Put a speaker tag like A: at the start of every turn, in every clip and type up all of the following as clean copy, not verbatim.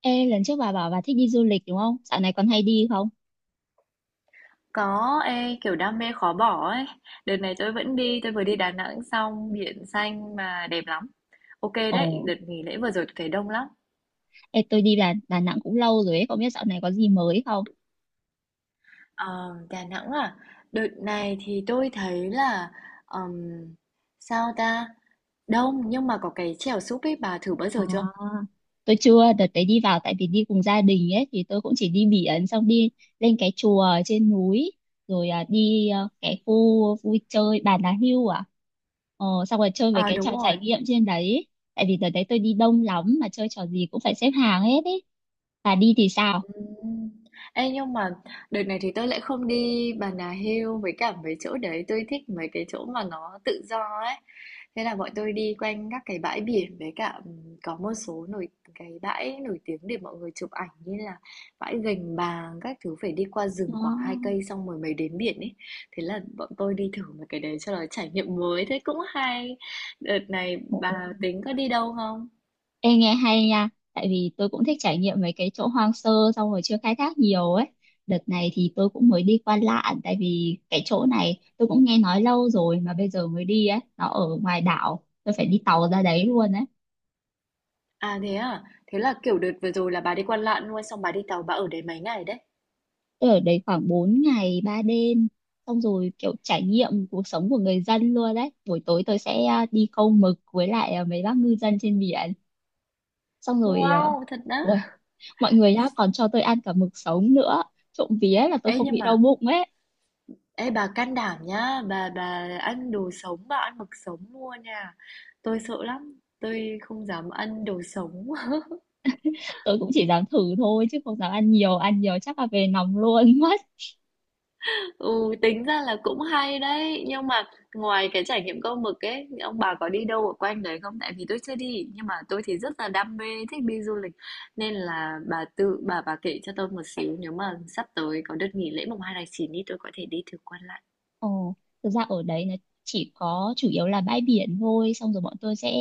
A: Ê, lần trước bà bảo bà thích đi du lịch đúng không? Dạo này còn hay đi không?
B: Có, ê, kiểu đam mê khó bỏ ấy. Đợt này tôi vẫn đi, tôi vừa đi Đà Nẵng xong, biển xanh mà đẹp lắm. Ok đấy,
A: Ồ,
B: đợt nghỉ lễ vừa rồi tôi thấy đông lắm.
A: ê, tôi đi Đà Nẵng cũng lâu rồi ấy, không biết dạo này có gì mới không?
B: Ờ, Đà Nẵng à? Đợt này thì tôi thấy là ừm, sao ta? Đông nhưng mà có cái chèo súp ấy bà thử bao giờ chưa?
A: À, tôi chưa, đợt đấy đi vào tại vì đi cùng gia đình ấy, thì tôi cũng chỉ đi biển, xong đi lên cái chùa ở trên núi, rồi đi cái khu vui chơi Bà Nà Hưu à? Ờ, xong rồi chơi về
B: À,
A: cái
B: đúng
A: trò trải
B: rồi.
A: nghiệm trên đấy. Tại vì đợt đấy tôi đi đông lắm mà chơi trò gì cũng phải xếp hàng hết ấy. Bà đi thì sao?
B: Ừm. Ê, nhưng mà đợt này thì tôi lại không đi Bà Nà Hill với cả mấy chỗ đấy. Tôi thích mấy cái chỗ mà nó tự do ấy. Thế là bọn tôi đi quanh các cái bãi biển. Với cả có một số cái bãi nổi tiếng để mọi người chụp ảnh. Như là bãi Gành Bàng. Các thứ phải đi qua rừng khoảng 2 cây, xong rồi mới đến biển ấy. Thế là bọn tôi đi thử một cái đấy cho nó trải nghiệm mới. Thế cũng hay. Đợt này
A: Ờ.
B: bà tính có đi đâu không?
A: Ê nghe hay nha, tại vì tôi cũng thích trải nghiệm mấy cái chỗ hoang sơ xong rồi chưa khai thác nhiều ấy. Đợt này thì tôi cũng mới đi qua Lạn tại vì cái chỗ này tôi cũng nghe nói lâu rồi mà bây giờ mới đi ấy, nó ở ngoài đảo, tôi phải đi tàu ra đấy luôn ấy.
B: À? Thế là, kiểu, đợt vừa rồi là bà đi Quan Lạn luôn, xong bà đi tàu bà ở đấy mấy ngày đấy?
A: Tôi ở đấy khoảng 4 ngày 3 đêm, xong rồi kiểu trải nghiệm cuộc sống của người dân luôn đấy. Buổi tối tôi sẽ đi câu mực với lại mấy bác ngư dân trên biển. Xong rồi
B: Wow, thật đó.
A: ui, mọi người đã còn cho tôi ăn cả mực sống nữa. Trộm vía là tôi
B: Ê,
A: không
B: nhưng
A: bị đau
B: mà
A: bụng ấy.
B: ê, bà can đảm nhá, bà ăn đồ sống, bà ăn mực sống mua nha. Tôi sợ lắm, tôi không dám ăn đồ sống.
A: Tôi cũng chỉ dám thử thôi chứ không dám ăn nhiều, ăn nhiều chắc là về nóng luôn mất.
B: Ừ, tính ra là cũng hay đấy. Nhưng mà ngoài cái trải nghiệm câu mực ấy ông bà có đi đâu ở quanh đấy không, tại vì tôi chưa đi nhưng mà tôi thì rất là đam mê thích đi du lịch, nên là bà tự bà kể cho tôi một xíu, nếu mà sắp tới có đợt nghỉ lễ mùng hai tháng 9 đi tôi có thể đi thử quan lại.
A: Ồ, thực ra ở đấy nó chỉ có chủ yếu là bãi biển thôi, xong rồi bọn tôi sẽ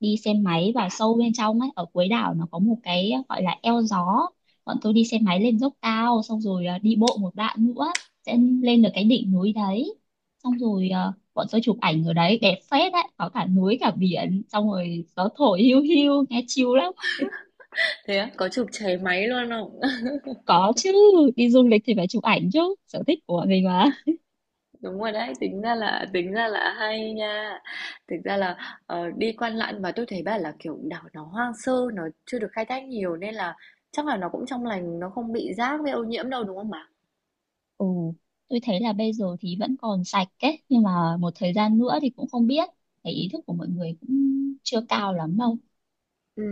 A: đi xe máy vào sâu bên trong ấy, ở cuối đảo nó có một cái gọi là eo gió. Bọn tôi đi xe máy lên dốc cao xong rồi đi bộ một đoạn nữa sẽ lên được cái đỉnh núi đấy. Xong rồi bọn tôi chụp ảnh ở đấy đẹp phết đấy, có cả núi cả biển, xong rồi gió thổi hiu hiu nghe chill lắm.
B: Thế á, có chụp cháy máy luôn không?
A: Có chứ, đi du lịch thì phải chụp ảnh chứ, sở thích của mình mà.
B: Đúng rồi đấy, tính ra là hay nha. Thực ra là đi Quan Lạn mà tôi thấy bảo là kiểu đảo nó hoang sơ, nó chưa được khai thác nhiều nên là chắc là nó cũng trong lành, nó không bị rác với ô nhiễm đâu đúng không bà?
A: Ừ, tôi thấy là bây giờ thì vẫn còn sạch ấy, nhưng mà một thời gian nữa thì cũng không biết. Thấy ý thức của mọi người cũng chưa cao lắm đâu.
B: Ừ,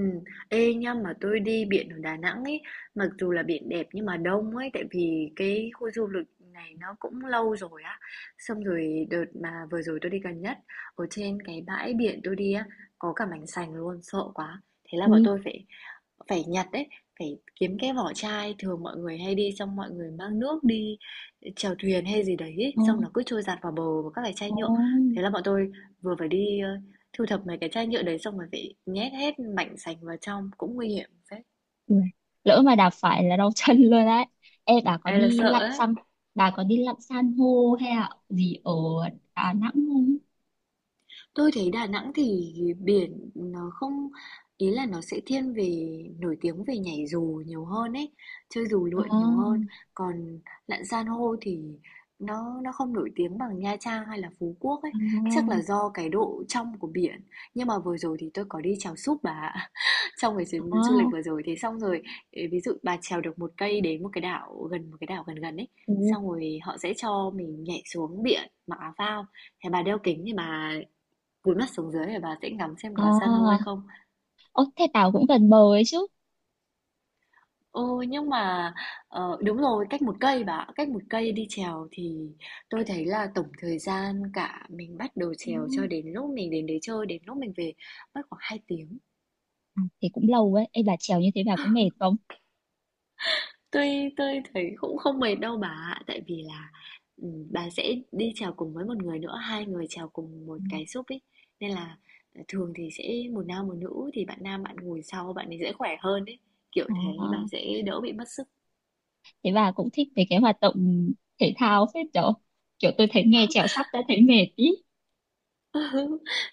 B: ê nhá, mà tôi đi biển ở Đà Nẵng ấy, mặc dù là biển đẹp nhưng mà đông ấy, tại vì cái khu du lịch này nó cũng lâu rồi á. Xong rồi đợt mà vừa rồi tôi đi gần nhất, ở trên cái bãi biển tôi đi á, có cả mảnh sành luôn, sợ quá. Thế là bọn
A: Ui,
B: tôi phải Phải nhặt ấy, phải kiếm cái vỏ chai, thường mọi người hay đi xong mọi người mang nước đi chèo thuyền hay gì đấy ấy,
A: ờ,
B: xong nó cứ trôi dạt vào bờ và các cái chai
A: ờ,
B: nhựa. Thế là bọn tôi vừa phải đi thu thập mấy cái chai nhựa đấy, xong rồi phải nhét hết mảnh sành vào trong, cũng nguy hiểm phết.
A: ui. Lỡ mà đạp phải là đau chân luôn đấy. Ê, bà có
B: Ê là
A: đi
B: sợ
A: lặn
B: ấy.
A: san, Bà có đi lặn san hô hay là gì ở Đà Nẵng không?
B: Tôi thấy Đà Nẵng thì biển nó không, ý là nó sẽ thiên về nổi tiếng về nhảy dù nhiều hơn ấy, chơi dù lượn nhiều hơn.
A: À,
B: Còn lặn san hô thì nó không nổi tiếng bằng Nha Trang hay là Phú Quốc ấy, chắc là
A: à,
B: do cái độ trong của biển. Nhưng mà vừa rồi thì tôi có đi chèo súp bà ạ. Trong cái chuyến du lịch
A: à,
B: vừa rồi, thế xong rồi ý, ví dụ bà trèo được 1 cây đến một cái đảo gần gần ấy,
A: ừ,
B: xong rồi họ sẽ cho mình nhảy xuống biển mặc áo phao. Thế bà đeo kính thì bà cúi mắt xuống dưới để bà sẽ ngắm xem có san hô hay
A: à.
B: không.
A: Ồ, thế Tảo cũng gần bờ ấy chứ.
B: Ừ, nhưng mà đúng rồi, cách 1 cây bà ạ. Cách một cây đi trèo thì tôi thấy là tổng thời gian cả mình bắt đầu
A: Ừ.
B: trèo cho đến lúc mình đến đấy chơi đến lúc mình về mất khoảng 2 tiếng.
A: À, thế cũng lâu ấy. Ê, bà trèo như thế bà có mệt không?
B: Tôi tôi thấy cũng không mệt đâu bà ạ, tại vì là bà sẽ đi trèo cùng với một người nữa, 2 người trèo cùng một
A: Ừ.
B: cái súp ấy. Nên là thường thì sẽ một nam một nữ, thì bạn nam bạn ngồi sau bạn ấy dễ khỏe hơn đấy. Kiểu
A: Ờ,
B: thế bà sẽ đỡ bị mất sức.
A: thế bà cũng thích về cái hoạt động thể thao phết đó. Kiểu tôi thấy nghe trèo sắp đã thấy mệt ý.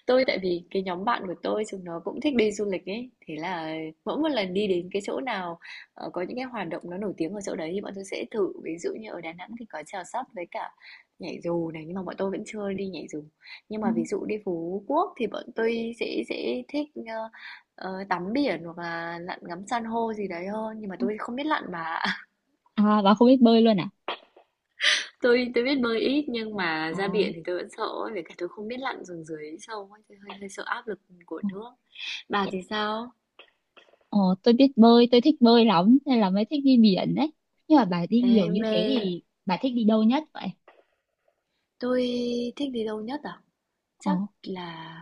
B: Tôi tại vì cái nhóm bạn của tôi chúng nó cũng thích đi du lịch ấy, thế là mỗi một lần đi đến cái chỗ nào có những cái hoạt động nó nổi tiếng ở chỗ đấy thì bọn tôi sẽ thử. Ví dụ như ở Đà Nẵng thì có chèo sắp với cả nhảy dù này, nhưng mà bọn tôi vẫn chưa đi nhảy dù. Nhưng
A: Ừ.
B: mà ví dụ đi Phú Quốc thì bọn tôi sẽ thích tắm biển hoặc là lặn ngắm san hô gì đấy hơn, nhưng mà tôi không biết lặn mà.
A: À, bà không biết bơi luôn à?
B: Tôi biết bơi ít nhưng mà ra
A: À,
B: biển thì tôi vẫn sợ ấy, với cả tôi không biết lặn xuống dưới sâu ấy, tôi hơi sợ áp lực của nước. Bà thì sao?
A: ờ, tôi biết bơi, tôi thích bơi lắm nên là mới thích đi biển đấy. Nhưng mà bà đi nhiều
B: Em
A: như thế
B: mê
A: thì bà thích đi đâu nhất vậy?
B: tôi thích đi đâu nhất à?
A: Ờ,
B: Chắc là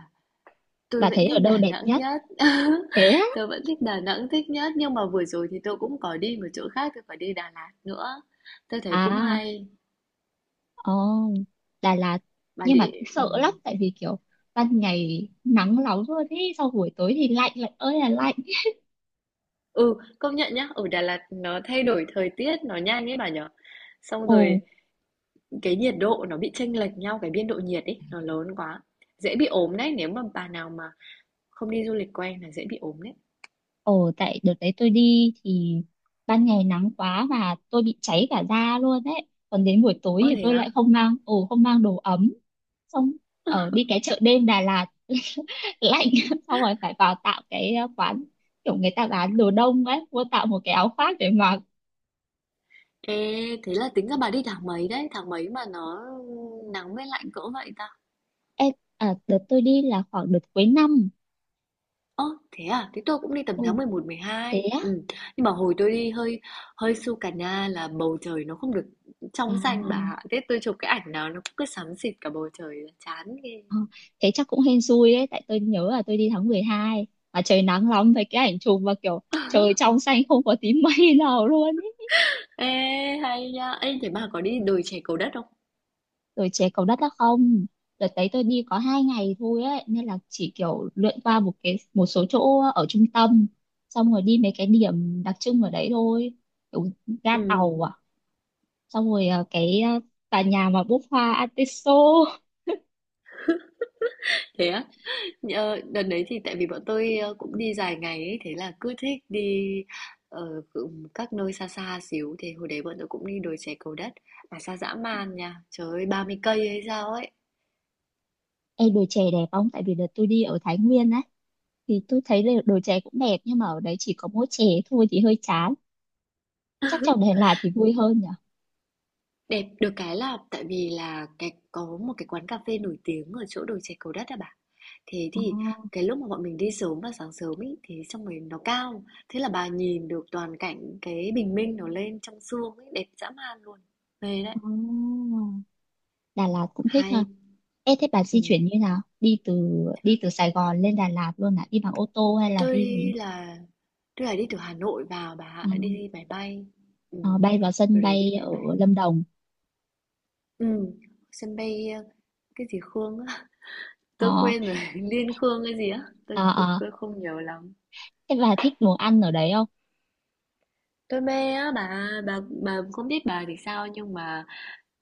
B: tôi
A: bà
B: vẫn
A: thấy ở
B: thích
A: đâu
B: Đà
A: đẹp
B: Nẵng
A: nhất?
B: nhất.
A: Thế á?
B: Tôi vẫn thích Đà Nẵng thích nhất, nhưng mà vừa rồi thì tôi cũng có đi một chỗ khác, tôi phải đi Đà Lạt nữa. Tôi thấy cũng
A: À,
B: hay.
A: ồ, Đà Lạt
B: Bà
A: nhưng mà
B: đi, ừ.
A: sợ lắm tại vì kiểu ban ngày nắng nóng luôn ý, sau buổi tối thì lạnh, lạnh ơi là lạnh.
B: Ừ, công nhận nhá, ở Đà Lạt nó thay đổi thời tiết nó nhanh ấy bà nhở. Xong
A: Ồ,
B: rồi cái nhiệt độ nó bị chênh lệch nhau, cái biên độ nhiệt ấy, nó lớn quá. Dễ bị ốm đấy, nếu mà bà nào mà không đi du lịch quen là dễ bị ốm đấy.
A: ồ, tại đợt đấy tôi đi thì ban ngày nắng quá và tôi bị cháy cả da luôn đấy, còn đến buổi tối
B: Ơ,
A: thì
B: thế
A: tôi
B: á?
A: lại không mang đồ ấm. Xong ở đi cái chợ đêm Đà Lạt lạnh, xong rồi phải vào tạo cái quán kiểu người ta bán đồ đông ấy, mua tạo một cái áo khoác để mặc.
B: Ê, thế là tính ra bà đi tháng mấy đấy? Tháng mấy mà nó nắng với lạnh cỡ vậy ta?
A: Ê, à, đợt tôi đi là khoảng đợt cuối năm.
B: Ơ, thế à? Thế tôi cũng đi tầm
A: Ồ,
B: tháng 11,
A: thế
B: 12.
A: á.
B: Ừ. Nhưng mà hồi tôi đi hơi hơi su cà na là bầu trời nó không được
A: Ờ,
B: trong xanh
A: ờ,
B: bà ạ. Thế tôi chụp cái ảnh nào nó cũng cứ xám xịt cả bầu trời, chán ghê.
A: ờ. Thế chắc cũng hên xui đấy, tại tôi nhớ là tôi đi tháng 12 mà trời nắng lắm, với cái ảnh chụp và kiểu trời trong xanh không có tí mây nào luôn ấy.
B: Ê, hay nha. Ê, thế bà có đi đồi chè Cầu Đất không?
A: Rồi chế cầu đất á? Không, đợt đấy tôi đi có 2 ngày thôi ấy, nên là chỉ kiểu lượn qua một cái một số chỗ ở trung tâm, xong rồi đi mấy cái điểm đặc trưng ở đấy thôi, kiểu ga tàu
B: Ừ,
A: à, xong rồi cái tòa nhà mà búp hoa artiso.
B: thế á? Ờ, đợt đấy thì tại vì bọn tôi cũng đi dài ngày ấy, thế là cứ thích đi các nơi xa xa xíu thì hồi đấy bọn tôi cũng đi đồi chè Cầu Đất mà xa dã man nha, trời ơi, 30 cây hay sao ấy.
A: Ê, đồi chè đẹp không? Tại vì đợt tôi đi ở Thái Nguyên á thì tôi thấy là đồ chè cũng đẹp nhưng mà ở đấy chỉ có mỗi chè thôi thì hơi chán, chắc trong Đà Lạt thì vui hơn nhỉ.
B: Đẹp được cái là tại vì là cái có một cái quán cà phê nổi tiếng ở chỗ đồi chè Cầu Đất à bà, thế
A: Ờ,
B: thì cái lúc mà bọn mình đi sớm và sáng sớm ấy thì xong rồi nó cao, thế là bà nhìn được toàn cảnh cái bình minh nó lên trong sương ấy đẹp dã man luôn, mê đấy,
A: ờ. Đà Lạt cũng thích ha.
B: hay.
A: Ê, thế bà di
B: Ừ.
A: chuyển như nào? Đi từ Sài Gòn lên Đà Lạt luôn à? Đi bằng ô tô hay là
B: tôi
A: đi gì?
B: là Tức là đi từ Hà Nội vào bà ạ,
A: Ờ,
B: đi đi máy bay.
A: ờ,
B: Ừm,
A: bay vào sân
B: rồi để đi
A: bay
B: máy
A: ở
B: bay.
A: Lâm Đồng.
B: Ừm, sân bay cái gì Khương á, tôi
A: Ờ,
B: quên rồi, Liên Khương cái gì á, tôi,
A: ờ,
B: tôi,
A: ờ.
B: tôi không nhớ lắm.
A: Thế bà thích đồ ăn ở đấy không?
B: Tôi mê á bà, bà không biết bà thì sao, nhưng mà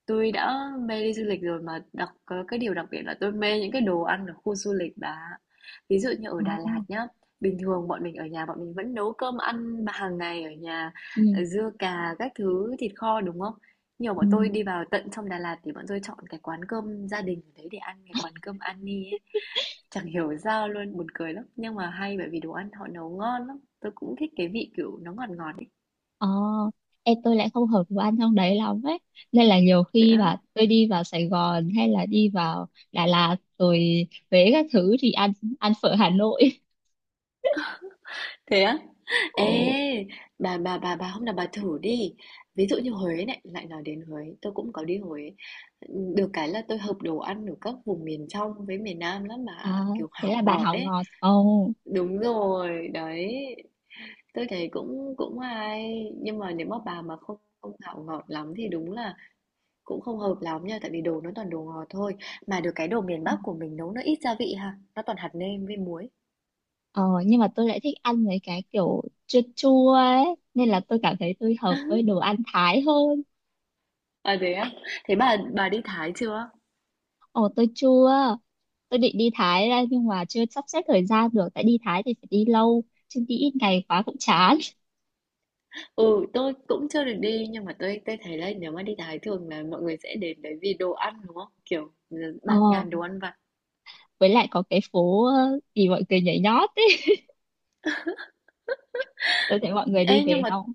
B: tôi đã mê đi du lịch rồi, mà cái điều đặc biệt là tôi mê những cái đồ ăn ở khu du lịch bà. Ví dụ như
A: Ờ,
B: ở Đà Lạt nhá, bình thường bọn mình ở nhà bọn mình vẫn nấu cơm ăn hàng ngày ở nhà,
A: ừ.
B: dưa cà các thứ thịt kho đúng không? Nhưng mà bọn tôi đi vào tận trong Đà Lạt thì bọn tôi chọn cái quán cơm gia đình ở đấy để ăn, cái quán cơm Ani ấy. Chẳng hiểu sao luôn, buồn cười lắm. Nhưng mà hay, bởi vì đồ ăn họ nấu ngon lắm. Tôi cũng thích cái vị kiểu nó ngọt ngọt ấy.
A: Ờ, em tôi lại không hợp với anh trong đấy lắm ấy. Nên là nhiều khi
B: Dạ.
A: mà tôi đi vào Sài Gòn hay là đi vào Đà Lạt rồi Huế các thứ thì ăn ăn phở Hà Nội.
B: Thế á?
A: Ồ,
B: Ê, bà hôm nào bà thử đi. Ví dụ như Huế này, lại nói đến Huế, tôi cũng có đi Huế. Được cái là tôi hợp đồ ăn ở các vùng miền trong với miền Nam lắm,
A: à,
B: mà kiểu
A: thế
B: hảo
A: là bà
B: ngọt
A: hảo
B: ấy.
A: ngọt. Ồ,
B: Đúng rồi, đấy. Tôi thấy cũng cũng hay, nhưng mà nếu mà bà mà không không hảo ngọt lắm thì đúng là cũng không hợp lắm nha, tại vì đồ nó toàn đồ ngọt thôi. Mà được cái đồ miền Bắc của mình nấu nó ít gia vị ha, nó toàn hạt nêm với muối.
A: ờ, nhưng mà tôi lại thích ăn mấy cái kiểu chua chua ấy. Nên là tôi cảm thấy tôi hợp với đồ ăn Thái hơn.
B: À, thế á? Thế bà đi Thái chưa?
A: Ồ, tôi chua. Tôi định đi Thái ra nhưng mà chưa sắp xếp thời gian được. Tại đi Thái thì phải đi lâu. Chứ đi ít ngày quá cũng chán.
B: Ừ, tôi cũng chưa được đi, nhưng mà tôi thấy là nếu mà đi Thái thường là mọi người sẽ đến đấy vì đồ ăn đúng không? Kiểu
A: Ờ,
B: bạt ngàn đồ ăn vặt.
A: với lại có cái phố gì mọi người nhảy nhót ấy, tôi thấy mọi người đi
B: Ê, nhưng
A: về
B: mà
A: xong.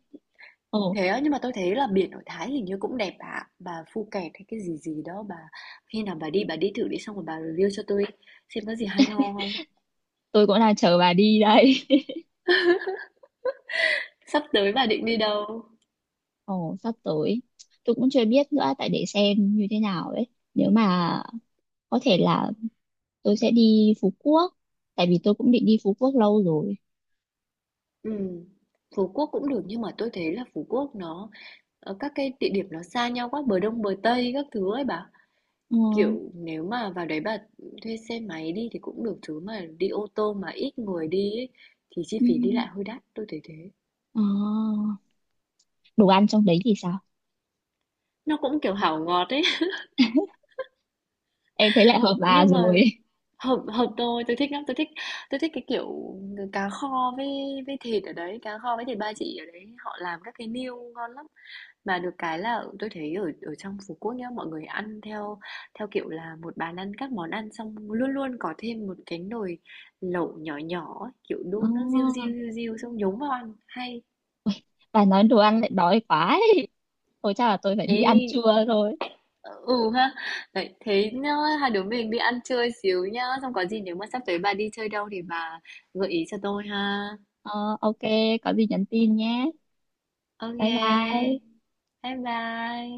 A: Ồ,
B: thế á, nhưng mà tôi thấy là biển ở Thái hình như cũng đẹp ạ. Bà, Phuket hay cái gì gì đó bà, khi nào bà đi thử đi xong rồi bà review cho tôi xem có gì hay ho không.
A: tôi cũng đang chờ bà đi đây.
B: Sắp tới bà định đi đâu?
A: Ồ, sắp tới tôi cũng chưa biết nữa, tại để xem như thế nào ấy, nếu mà có thể là tôi sẽ đi Phú Quốc tại vì tôi cũng định đi Phú Quốc lâu rồi.
B: Ừ. Phú Quốc cũng được nhưng mà tôi thấy là Phú Quốc nó các cái địa điểm nó xa nhau quá, bờ đông bờ tây các thứ ấy bà.
A: Ờ,
B: Kiểu, nếu mà vào đấy bà thuê xe máy đi thì cũng được, chứ mà đi ô tô mà ít người đi ấy, thì chi phí đi
A: ừm,
B: lại hơi đắt, tôi thấy thế.
A: ờ, đồ ăn trong đấy thì sao?
B: Nó cũng kiểu hảo ngọt ấy,
A: Em thấy lại hợp bà
B: nhưng mà
A: rồi.
B: hợp hợp tôi thích lắm, tôi thích cái kiểu cá kho với thịt ở đấy, cá kho với thịt ba chỉ ở đấy, họ làm các cái niêu ngon lắm. Mà được cái là tôi thấy ở ở trong Phú Quốc nhá, mọi người ăn theo theo kiểu là một bàn ăn các món ăn, xong luôn luôn có thêm một cái nồi lẩu nhỏ nhỏ ấy, kiểu
A: Ờ,
B: đun nó riu riu riu riu xong nhúng vào ăn hay.
A: bà nói đồ ăn lại đói quá ấy. Thôi chắc là tôi phải đi
B: Ê,
A: ăn trưa rồi.
B: ừ ha, đấy thế nhá, hai đứa mình đi ăn chơi xíu nhá, xong có gì nếu mà sắp tới bà đi chơi đâu thì bà gợi ý cho tôi ha.
A: Ờ, ok, có gì nhắn tin nhé.
B: Ok,
A: Bye bye.
B: bye bye.